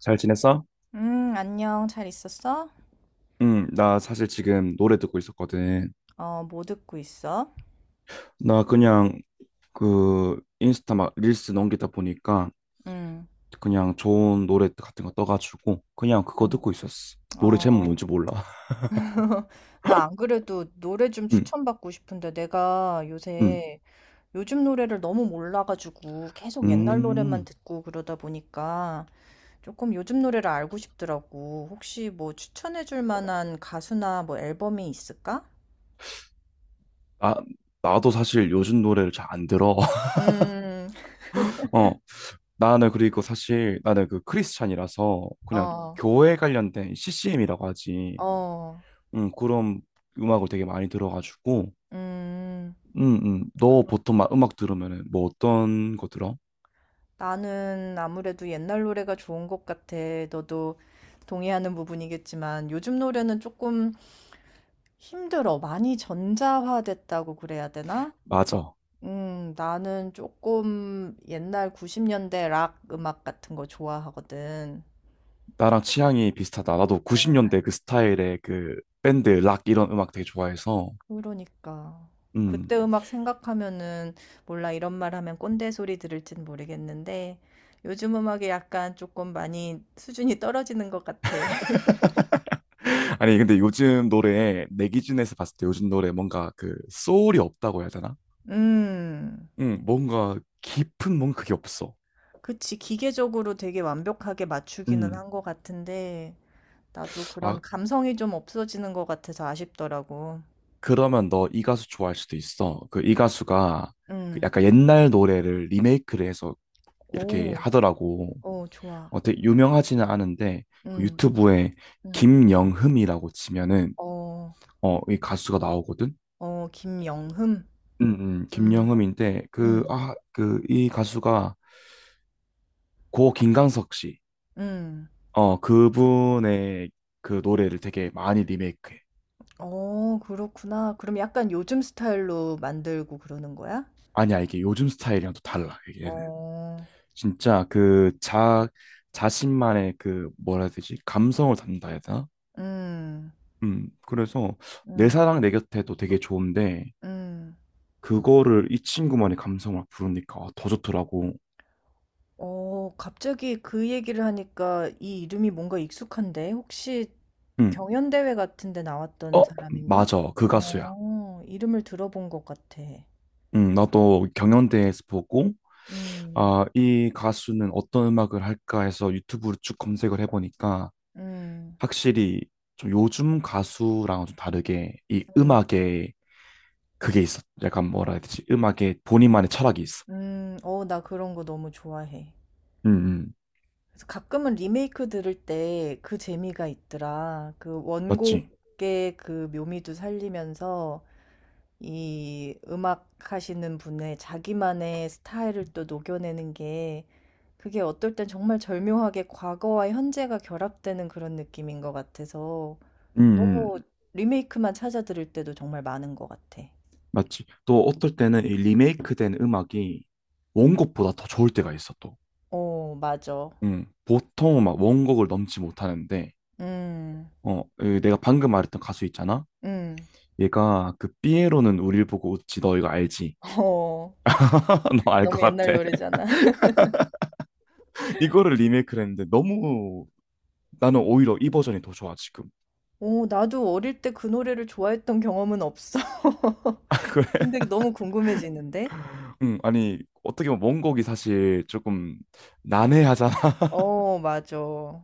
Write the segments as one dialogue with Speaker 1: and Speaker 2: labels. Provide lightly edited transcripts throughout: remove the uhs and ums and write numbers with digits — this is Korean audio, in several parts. Speaker 1: 잘 지냈어?
Speaker 2: 안녕. 잘 있었어?
Speaker 1: 응, 나 사실 지금 노래 듣고 있었거든.
Speaker 2: 어, 뭐 듣고 있어?
Speaker 1: 나 그냥 그 인스타 막 릴스 넘기다 보니까
Speaker 2: 음,
Speaker 1: 그냥 좋은 노래 같은 거 떠가지고 그냥 그거
Speaker 2: 음.
Speaker 1: 듣고 있었어. 노래 제목
Speaker 2: 어,
Speaker 1: 뭔지 몰라.
Speaker 2: 나 안 그래도 노래 좀
Speaker 1: 응,
Speaker 2: 추천받고 싶은데 내가
Speaker 1: 응,
Speaker 2: 요새 요즘 노래를 너무 몰라가지고 계속 옛날 노래만
Speaker 1: 음.
Speaker 2: 듣고 그러다 보니까 조금 요즘 노래를 알고 싶더라고. 혹시 뭐 추천해줄 만한 가수나 뭐 앨범이 있을까?
Speaker 1: 아, 나도 사실 요즘 노래를 잘 안 들어.
Speaker 2: 음,
Speaker 1: 어, 나는 그리고 사실 나는 그 크리스찬이라서 그냥
Speaker 2: 어,
Speaker 1: 교회 관련된 CCM이라고 하지.
Speaker 2: 어,
Speaker 1: 응, 그런 음악을 되게 많이 들어가지고
Speaker 2: 음.
Speaker 1: 응, 응. 너 보통 막 음악 들으면은 뭐 어떤 거 들어?
Speaker 2: 나는 아무래도 옛날 노래가 좋은 것 같아. 너도 동의하는 부분이겠지만 요즘 노래는 조금 힘들어. 많이 전자화됐다고 그래야 되나?
Speaker 1: 맞아.
Speaker 2: 나는 조금 옛날 90년대 락 음악 같은 거 좋아하거든.
Speaker 1: 나랑 취향이 비슷하다. 나도 90년대 그 스타일의 그 밴드, 락 이런 음악 되게 좋아해서.
Speaker 2: 그러니까.
Speaker 1: 음.
Speaker 2: 그때 음악 생각하면은 몰라 이런 말 하면 꼰대 소리 들을진 모르겠는데 요즘 음악이 약간 조금 많이 수준이 떨어지는 것 같아.
Speaker 1: 아니, 근데 요즘 노래, 내 기준에서 봤을 때 요즘 노래 뭔가 그 소울이 없다고 해야 되나?
Speaker 2: 음.
Speaker 1: 응, 뭔가 깊은 뭔가 그게 없어.
Speaker 2: 그치. 기계적으로 되게 완벽하게 맞추기는
Speaker 1: 음.
Speaker 2: 한 것 같은데, 나도
Speaker 1: 아,
Speaker 2: 그런 감성이 좀 없어지는 것 같아서 아쉽더라고.
Speaker 1: 그러면 너 이 가수 좋아할 수도 있어. 그 이 가수가 그
Speaker 2: 응,
Speaker 1: 약간 옛날 노래를 리메이크를 해서 이렇게
Speaker 2: 오,
Speaker 1: 하더라고.
Speaker 2: 어, 좋아.
Speaker 1: 어, 되게 유명하지는 않은데 그
Speaker 2: 응,
Speaker 1: 유튜브에
Speaker 2: 응,
Speaker 1: 김영흠이라고 치면은
Speaker 2: 어,
Speaker 1: 어, 이 가수가 나오거든.
Speaker 2: 어, 김영흠? 음, 한-
Speaker 1: 김영흠인데 그
Speaker 2: 음,
Speaker 1: 아, 그 이 가수가 고 김광석 씨.
Speaker 2: 음.
Speaker 1: 어, 그분의 그 노래를 되게 많이 리메이크해.
Speaker 2: 어, 그렇구나. 그럼 약간 요즘 스타일로 만들고 그러는 거야?
Speaker 1: 아니야, 이게 요즘 스타일이랑 또 달라. 얘는
Speaker 2: 어,
Speaker 1: 진짜 그 자 자신만의 그 뭐라 해야 되지? 감성을 담는다 해야 되나?
Speaker 2: 음,
Speaker 1: 그래서 내
Speaker 2: 음,
Speaker 1: 사랑 내 곁에도 되게 좋은데
Speaker 2: 음.
Speaker 1: 그거를 이 친구만의 감성을 부르니까 아, 더 좋더라고.
Speaker 2: 어, 갑자기 그 얘기를 하니까 이 이름이 뭔가 익숙한데? 혹시
Speaker 1: 응.
Speaker 2: 경연대회 같은 데 나왔던
Speaker 1: 어,
Speaker 2: 사람인가?
Speaker 1: 맞아. 그 가수야.
Speaker 2: 어, 이름을 들어본 것 같아.
Speaker 1: 응, 나도 경연대회에서 보고,
Speaker 2: 음,
Speaker 1: 아, 이 가수는 어떤 음악을 할까 해서 유튜브로 쭉 검색을 해보니까
Speaker 2: 음,
Speaker 1: 확실히 좀 요즘 가수랑은 좀 다르게 이
Speaker 2: 음,
Speaker 1: 음악에 그게 있어. 약간 뭐라 해야 되지? 음악에 본인만의 철학이 있어.
Speaker 2: 어, 나 그런 거 너무 좋아해.
Speaker 1: 응, 응.
Speaker 2: 그래서 가끔은 리메이크 들을 때 그 재미가 있더라. 그
Speaker 1: 맞지?
Speaker 2: 원곡의 그 묘미도 살리면서 이 음악 하시는 분의 자기만의 스타일을 또 녹여내는 게 그게 어떨 땐 정말 절묘하게 과거와 현재가 결합되는 그런 느낌인 것 같아서
Speaker 1: 응, 응.
Speaker 2: 너무 리메이크만 찾아 들을 때도 정말 많은 것 같아.
Speaker 1: 맞지? 또 어떨 때는 이 리메이크된 음악이 원곡보다 더 좋을 때가 있어, 또.
Speaker 2: 어, 맞아.
Speaker 1: 보통은 막 원곡을 넘지 못하는데,
Speaker 2: 음,
Speaker 1: 어, 그 내가 방금 말했던 가수 있잖아?
Speaker 2: 음,
Speaker 1: 얘가 그 삐에로는 우릴 보고 웃지, 너 이거 알지?
Speaker 2: 어.
Speaker 1: 너 알
Speaker 2: 너무
Speaker 1: 것
Speaker 2: 옛날
Speaker 1: 같아.
Speaker 2: 노래잖아.
Speaker 1: 이거를 리메이크를 했는데 너무 나는 오히려 이 버전이 더 좋아, 지금.
Speaker 2: 오, 나도 어릴 때 그 노래를 좋아했던 경험은 없어.
Speaker 1: 그래.
Speaker 2: 근데 너무 궁금해지는데?
Speaker 1: 아니, 어떻게 보면 원곡이 사실 조금 난해하잖아.
Speaker 2: 어, 맞아. 어,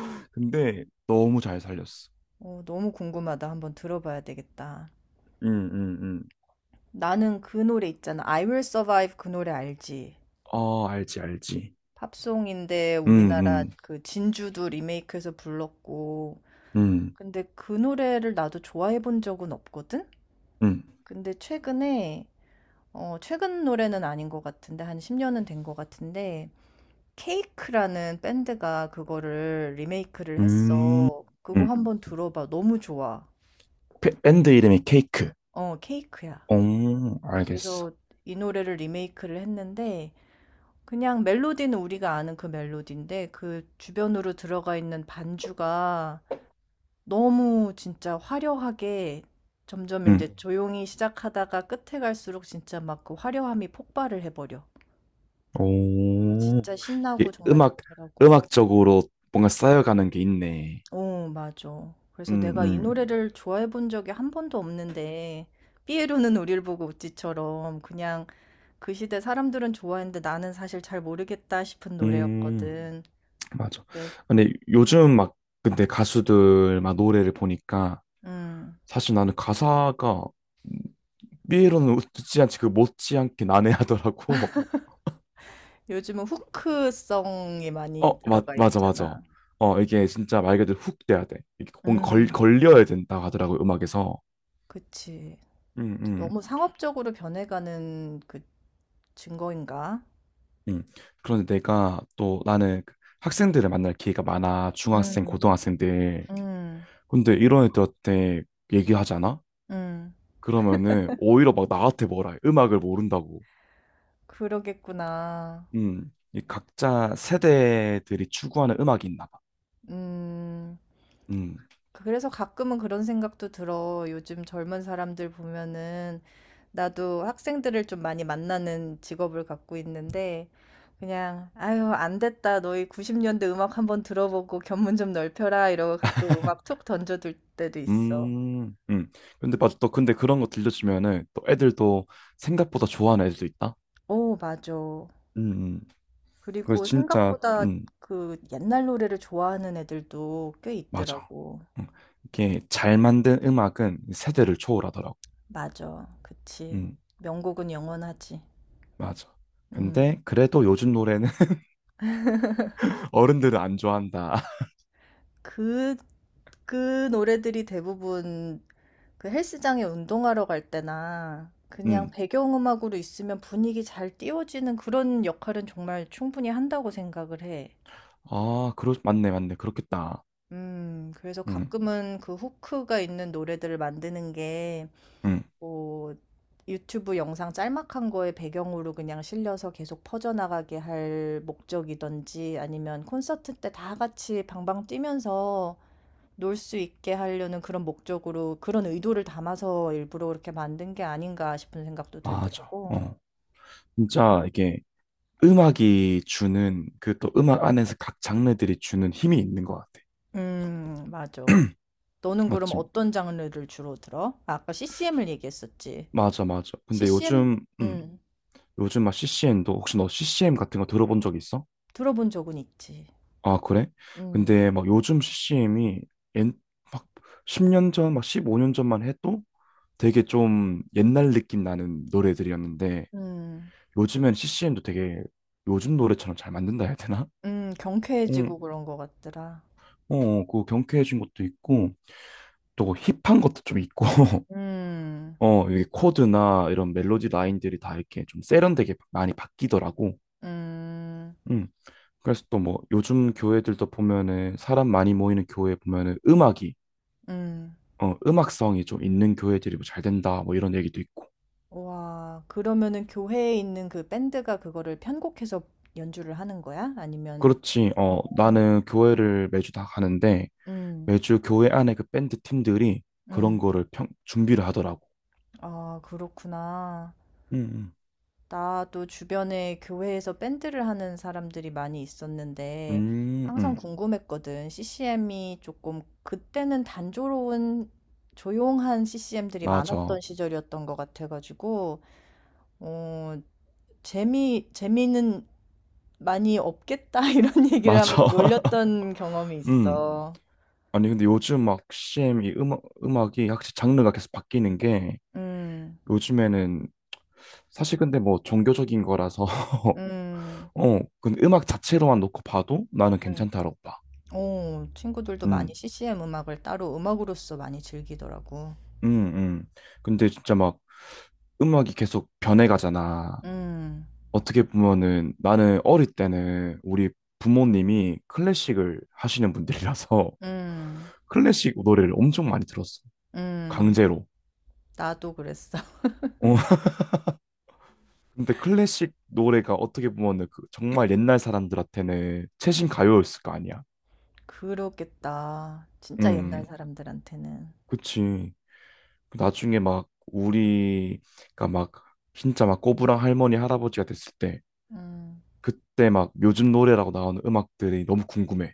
Speaker 1: 근데 너무 잘 살렸어.
Speaker 2: 너무 궁금하다. 한번 들어봐야 되겠다.
Speaker 1: 음, 음, 음.
Speaker 2: 나는 그 노래 있잖아. I Will Survive 그 노래 알지?
Speaker 1: 어, 알지, 알지.
Speaker 2: 팝송인데
Speaker 1: 음,
Speaker 2: 우리나라
Speaker 1: 음,
Speaker 2: 그 진주도 리메이크해서 불렀고
Speaker 1: 음,
Speaker 2: 근데 그 노래를 나도 좋아해 본 적은 없거든?
Speaker 1: 음.
Speaker 2: 근데 최근에 어 최근 노래는 아닌 것 같은데 한 10년은 된 것 같은데 케이크라는 밴드가 그거를 리메이크를
Speaker 1: 음.
Speaker 2: 했어. 그거
Speaker 1: 음.
Speaker 2: 한번 들어봐. 너무 좋아.
Speaker 1: 밴드 이름이 케이크.
Speaker 2: 어 케이크야.
Speaker 1: 오, 알겠어.
Speaker 2: 그래서 이 노래를 리메이크를 했는데 그냥 멜로디는 우리가 아는 그 멜로디인데 그 주변으로 들어가 있는 반주가 너무 진짜 화려하게 점점 이제
Speaker 1: 음.
Speaker 2: 네. 조용히 시작하다가 끝에 갈수록 진짜 막 그 화려함이 폭발을 해 버려.
Speaker 1: 오,
Speaker 2: 진짜 신나고
Speaker 1: 이게
Speaker 2: 정말
Speaker 1: 음악,
Speaker 2: 좋더라고.
Speaker 1: 음악적으로 뭔가 쌓여가는 게 있네.
Speaker 2: 어 맞아.
Speaker 1: 음,
Speaker 2: 그래서 내가 이
Speaker 1: 음,
Speaker 2: 노래를 좋아해 본 적이 한 번도 없는데 삐에로는 우릴 보고 웃지처럼 그냥 그 시대 사람들은 좋아했는데 나는 사실 잘 모르겠다 싶은
Speaker 1: 음,
Speaker 2: 노래였거든.
Speaker 1: 맞아.
Speaker 2: 네.
Speaker 1: 근데 요즘 막, 근데 가수들 막 노래를 보니까
Speaker 2: 음.
Speaker 1: 사실 나는 가사가 삐에로는 못지않게 난해하더라고.
Speaker 2: 요즘은 후크성이 많이
Speaker 1: 어, 맞,
Speaker 2: 들어가
Speaker 1: 맞아, 맞아.
Speaker 2: 있잖아.
Speaker 1: 어, 이게 진짜 말 그대로 훅 돼야 돼. 이게 뭔가 걸,
Speaker 2: 음.
Speaker 1: 걸려야 된다고 하더라고, 음악에서.
Speaker 2: 그치.
Speaker 1: 음, 음.
Speaker 2: 너무 상업적으로 변해가는 그 증거인가?
Speaker 1: 음. 그런데 내가 또 나는 그 학생들을 만날 기회가 많아. 중학생,
Speaker 2: 음,
Speaker 1: 고등학생들.
Speaker 2: 음,
Speaker 1: 근데 이런 애들한테 얘기하잖아?
Speaker 2: 음,
Speaker 1: 그러면은 오히려 막 나한테 뭐라 해. 음악을 모른다고.
Speaker 2: 그러겠구나.
Speaker 1: 음. 이 각자 세대들이 추구하는 음악이 있나 봐.
Speaker 2: 음,
Speaker 1: 음.
Speaker 2: 그래서 가끔은 그런 생각도 들어. 요즘 젊은 사람들 보면은 나도 학생들을 좀 많이 만나는 직업을 갖고 있는데 그냥 아유, 안 됐다. 너희 90년대 음악 한번 들어보고 견문 좀 넓혀라. 이러고 가끔 음악 툭 던져둘 때도 있어.
Speaker 1: 음. 음. 근데 맞아. 또 근데 그런 거 들려주면은 또 애들도 생각보다 좋아하는 애들도 있다.
Speaker 2: 오, 맞아.
Speaker 1: 음. 음. 그래서
Speaker 2: 그리고
Speaker 1: 진짜
Speaker 2: 생각보다 그 옛날 노래를 좋아하는 애들도 꽤
Speaker 1: 맞아.
Speaker 2: 있더라고.
Speaker 1: 음. 이게 잘 만든 음악은 세대를 초월하더라고.
Speaker 2: 맞아. 그치.
Speaker 1: 음.
Speaker 2: 명곡은 영원하지.
Speaker 1: 맞아.
Speaker 2: 음.
Speaker 1: 근데 그래도 요즘 노래는 어른들은 안 좋아한다.
Speaker 2: 그, 그 노래들이 대부분 그 헬스장에 운동하러 갈 때나 그냥
Speaker 1: 음.
Speaker 2: 배경음악으로 있으면 분위기 잘 띄워지는 그런 역할은 정말 충분히 한다고 생각을 해.
Speaker 1: 아, 그러 맞네, 맞네. 그렇겠다.
Speaker 2: 그래서
Speaker 1: 음.
Speaker 2: 가끔은 그 후크가 있는 노래들을 만드는 게
Speaker 1: 음.
Speaker 2: 뭐 유튜브 영상 짤막한 거에 배경으로 그냥 실려서 계속 퍼져나가게 할 목적이든지 아니면 콘서트 때 다 같이 방방 뛰면서 놀 수 있게 하려는 그런 목적으로 그런 의도를 담아서 일부러 그렇게 만든 게 아닌가 싶은 생각도
Speaker 1: 맞아.
Speaker 2: 들더라고.
Speaker 1: 어. 진짜 이게 음악이 주는 그 또 음악 안에서 각 장르들이 주는 힘이 있는 것 같아.
Speaker 2: 맞아. 너는 그럼
Speaker 1: 맞지?
Speaker 2: 어떤 장르를 주로 들어? 아, 아까 CCM을 얘기했었지.
Speaker 1: 맞아, 맞아. 근데
Speaker 2: CCM,
Speaker 1: 요즘 음.
Speaker 2: 음,
Speaker 1: 요즘 막 CCM도 혹시 너 CCM 같은 거 들어본 적 있어?
Speaker 2: 들어본 적은 있지.
Speaker 1: 아, 그래?
Speaker 2: 음,
Speaker 1: 근데 막 요즘 CCM이 막 10년 전, 막 15년 전만 해도 되게 좀 옛날 느낌 나는 노래들이었는데
Speaker 2: 음,
Speaker 1: 요즘엔 CCM도 되게 요즘 노래처럼 잘 만든다 해야 되나? 응,
Speaker 2: 경쾌해지고 그런 것 같더라.
Speaker 1: 어, 그 경쾌해진 것도 있고 또 그 힙한 것도 좀 있고
Speaker 2: 음.
Speaker 1: 어, 이게 코드나 이런 멜로디 라인들이 다 이렇게 좀 세련되게 많이 바뀌더라고.
Speaker 2: 음.
Speaker 1: 응. 그래서 또 뭐 요즘 교회들도 보면은 사람 많이 모이는 교회 보면은 음악이
Speaker 2: 음.
Speaker 1: 어, 음악성이 좀 있는 교회들이 뭐 잘 된다 뭐 이런 얘기도 있고.
Speaker 2: 와. 그러면은 교회에 있는 그 밴드가 그거를 편곡해서 연주를 하는 거야? 아니면
Speaker 1: 그렇지. 어,
Speaker 2: 어.
Speaker 1: 나는 교회를 매주 다 가는데
Speaker 2: 음.
Speaker 1: 매주 교회 안에 그 밴드 팀들이 그런
Speaker 2: 음.
Speaker 1: 거를 준비를 하더라고.
Speaker 2: 아, 그렇구나.
Speaker 1: 음,
Speaker 2: 나도 주변에 교회에서 밴드를 하는 사람들이 많이 있었는데
Speaker 1: 음, 음,
Speaker 2: 항상
Speaker 1: 음.
Speaker 2: 궁금했거든. CCM이 조금 그때는 단조로운 조용한 CCM들이 많았던
Speaker 1: 맞아.
Speaker 2: 시절이었던 것 같아가지고 어, 재미는 많이 없겠다 이런 얘기를
Speaker 1: 맞아.
Speaker 2: 하면서 놀렸던 경험이
Speaker 1: 음.
Speaker 2: 있어.
Speaker 1: 아니, 근데 요즘 막 CM 이 음악이 확실히 장르가 계속 바뀌는 게
Speaker 2: 음.
Speaker 1: 요즘에는 사실 근데 뭐 종교적인 거라서
Speaker 2: 음.
Speaker 1: 어, 근데 음악 자체로만 놓고 봐도 나는
Speaker 2: 음.
Speaker 1: 괜찮다라고 봐.
Speaker 2: 오 친구들도 많이
Speaker 1: 음,
Speaker 2: CCM 음악을 따로 음악으로서 많이 즐기더라고.
Speaker 1: 음, 음. 근데 진짜 막 음악이 계속 변해가잖아.
Speaker 2: 음.
Speaker 1: 어떻게 보면은 나는 어릴 때는 우리 부모님이 클래식을 하시는 분들이라서
Speaker 2: 음.
Speaker 1: 클래식 노래를 엄청 많이 들었어.
Speaker 2: 음.
Speaker 1: 강제로.
Speaker 2: 나도 그랬어.
Speaker 1: 어. 근데 클래식 노래가 어떻게 보면은 그 정말 옛날 사람들한테는
Speaker 2: 음.
Speaker 1: 최신 가요였을 거 아니야.
Speaker 2: 그렇겠다. 진짜
Speaker 1: 음,
Speaker 2: 옛날 사람들한테는.
Speaker 1: 그치. 나중에 막 우리가 막 진짜 막 꼬부랑 할머니 할아버지가 됐을 때
Speaker 2: 음.
Speaker 1: 그때 막 요즘 노래라고 나오는 음악들이 너무 궁금해.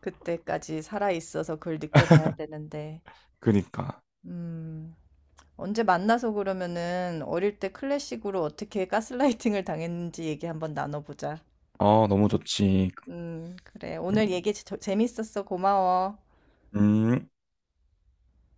Speaker 2: 그때까지 살아 있어서 그걸 느껴 봐야 되는데.
Speaker 1: 그니까.
Speaker 2: 음. 언제 만나서 그러면은 어릴 때 클래식으로 어떻게 가스라이팅을 당했는지 얘기 한번 나눠보자.
Speaker 1: 아, 너무 좋지.
Speaker 2: 그래. 오늘 얘기 재밌었어. 고마워.
Speaker 1: 음.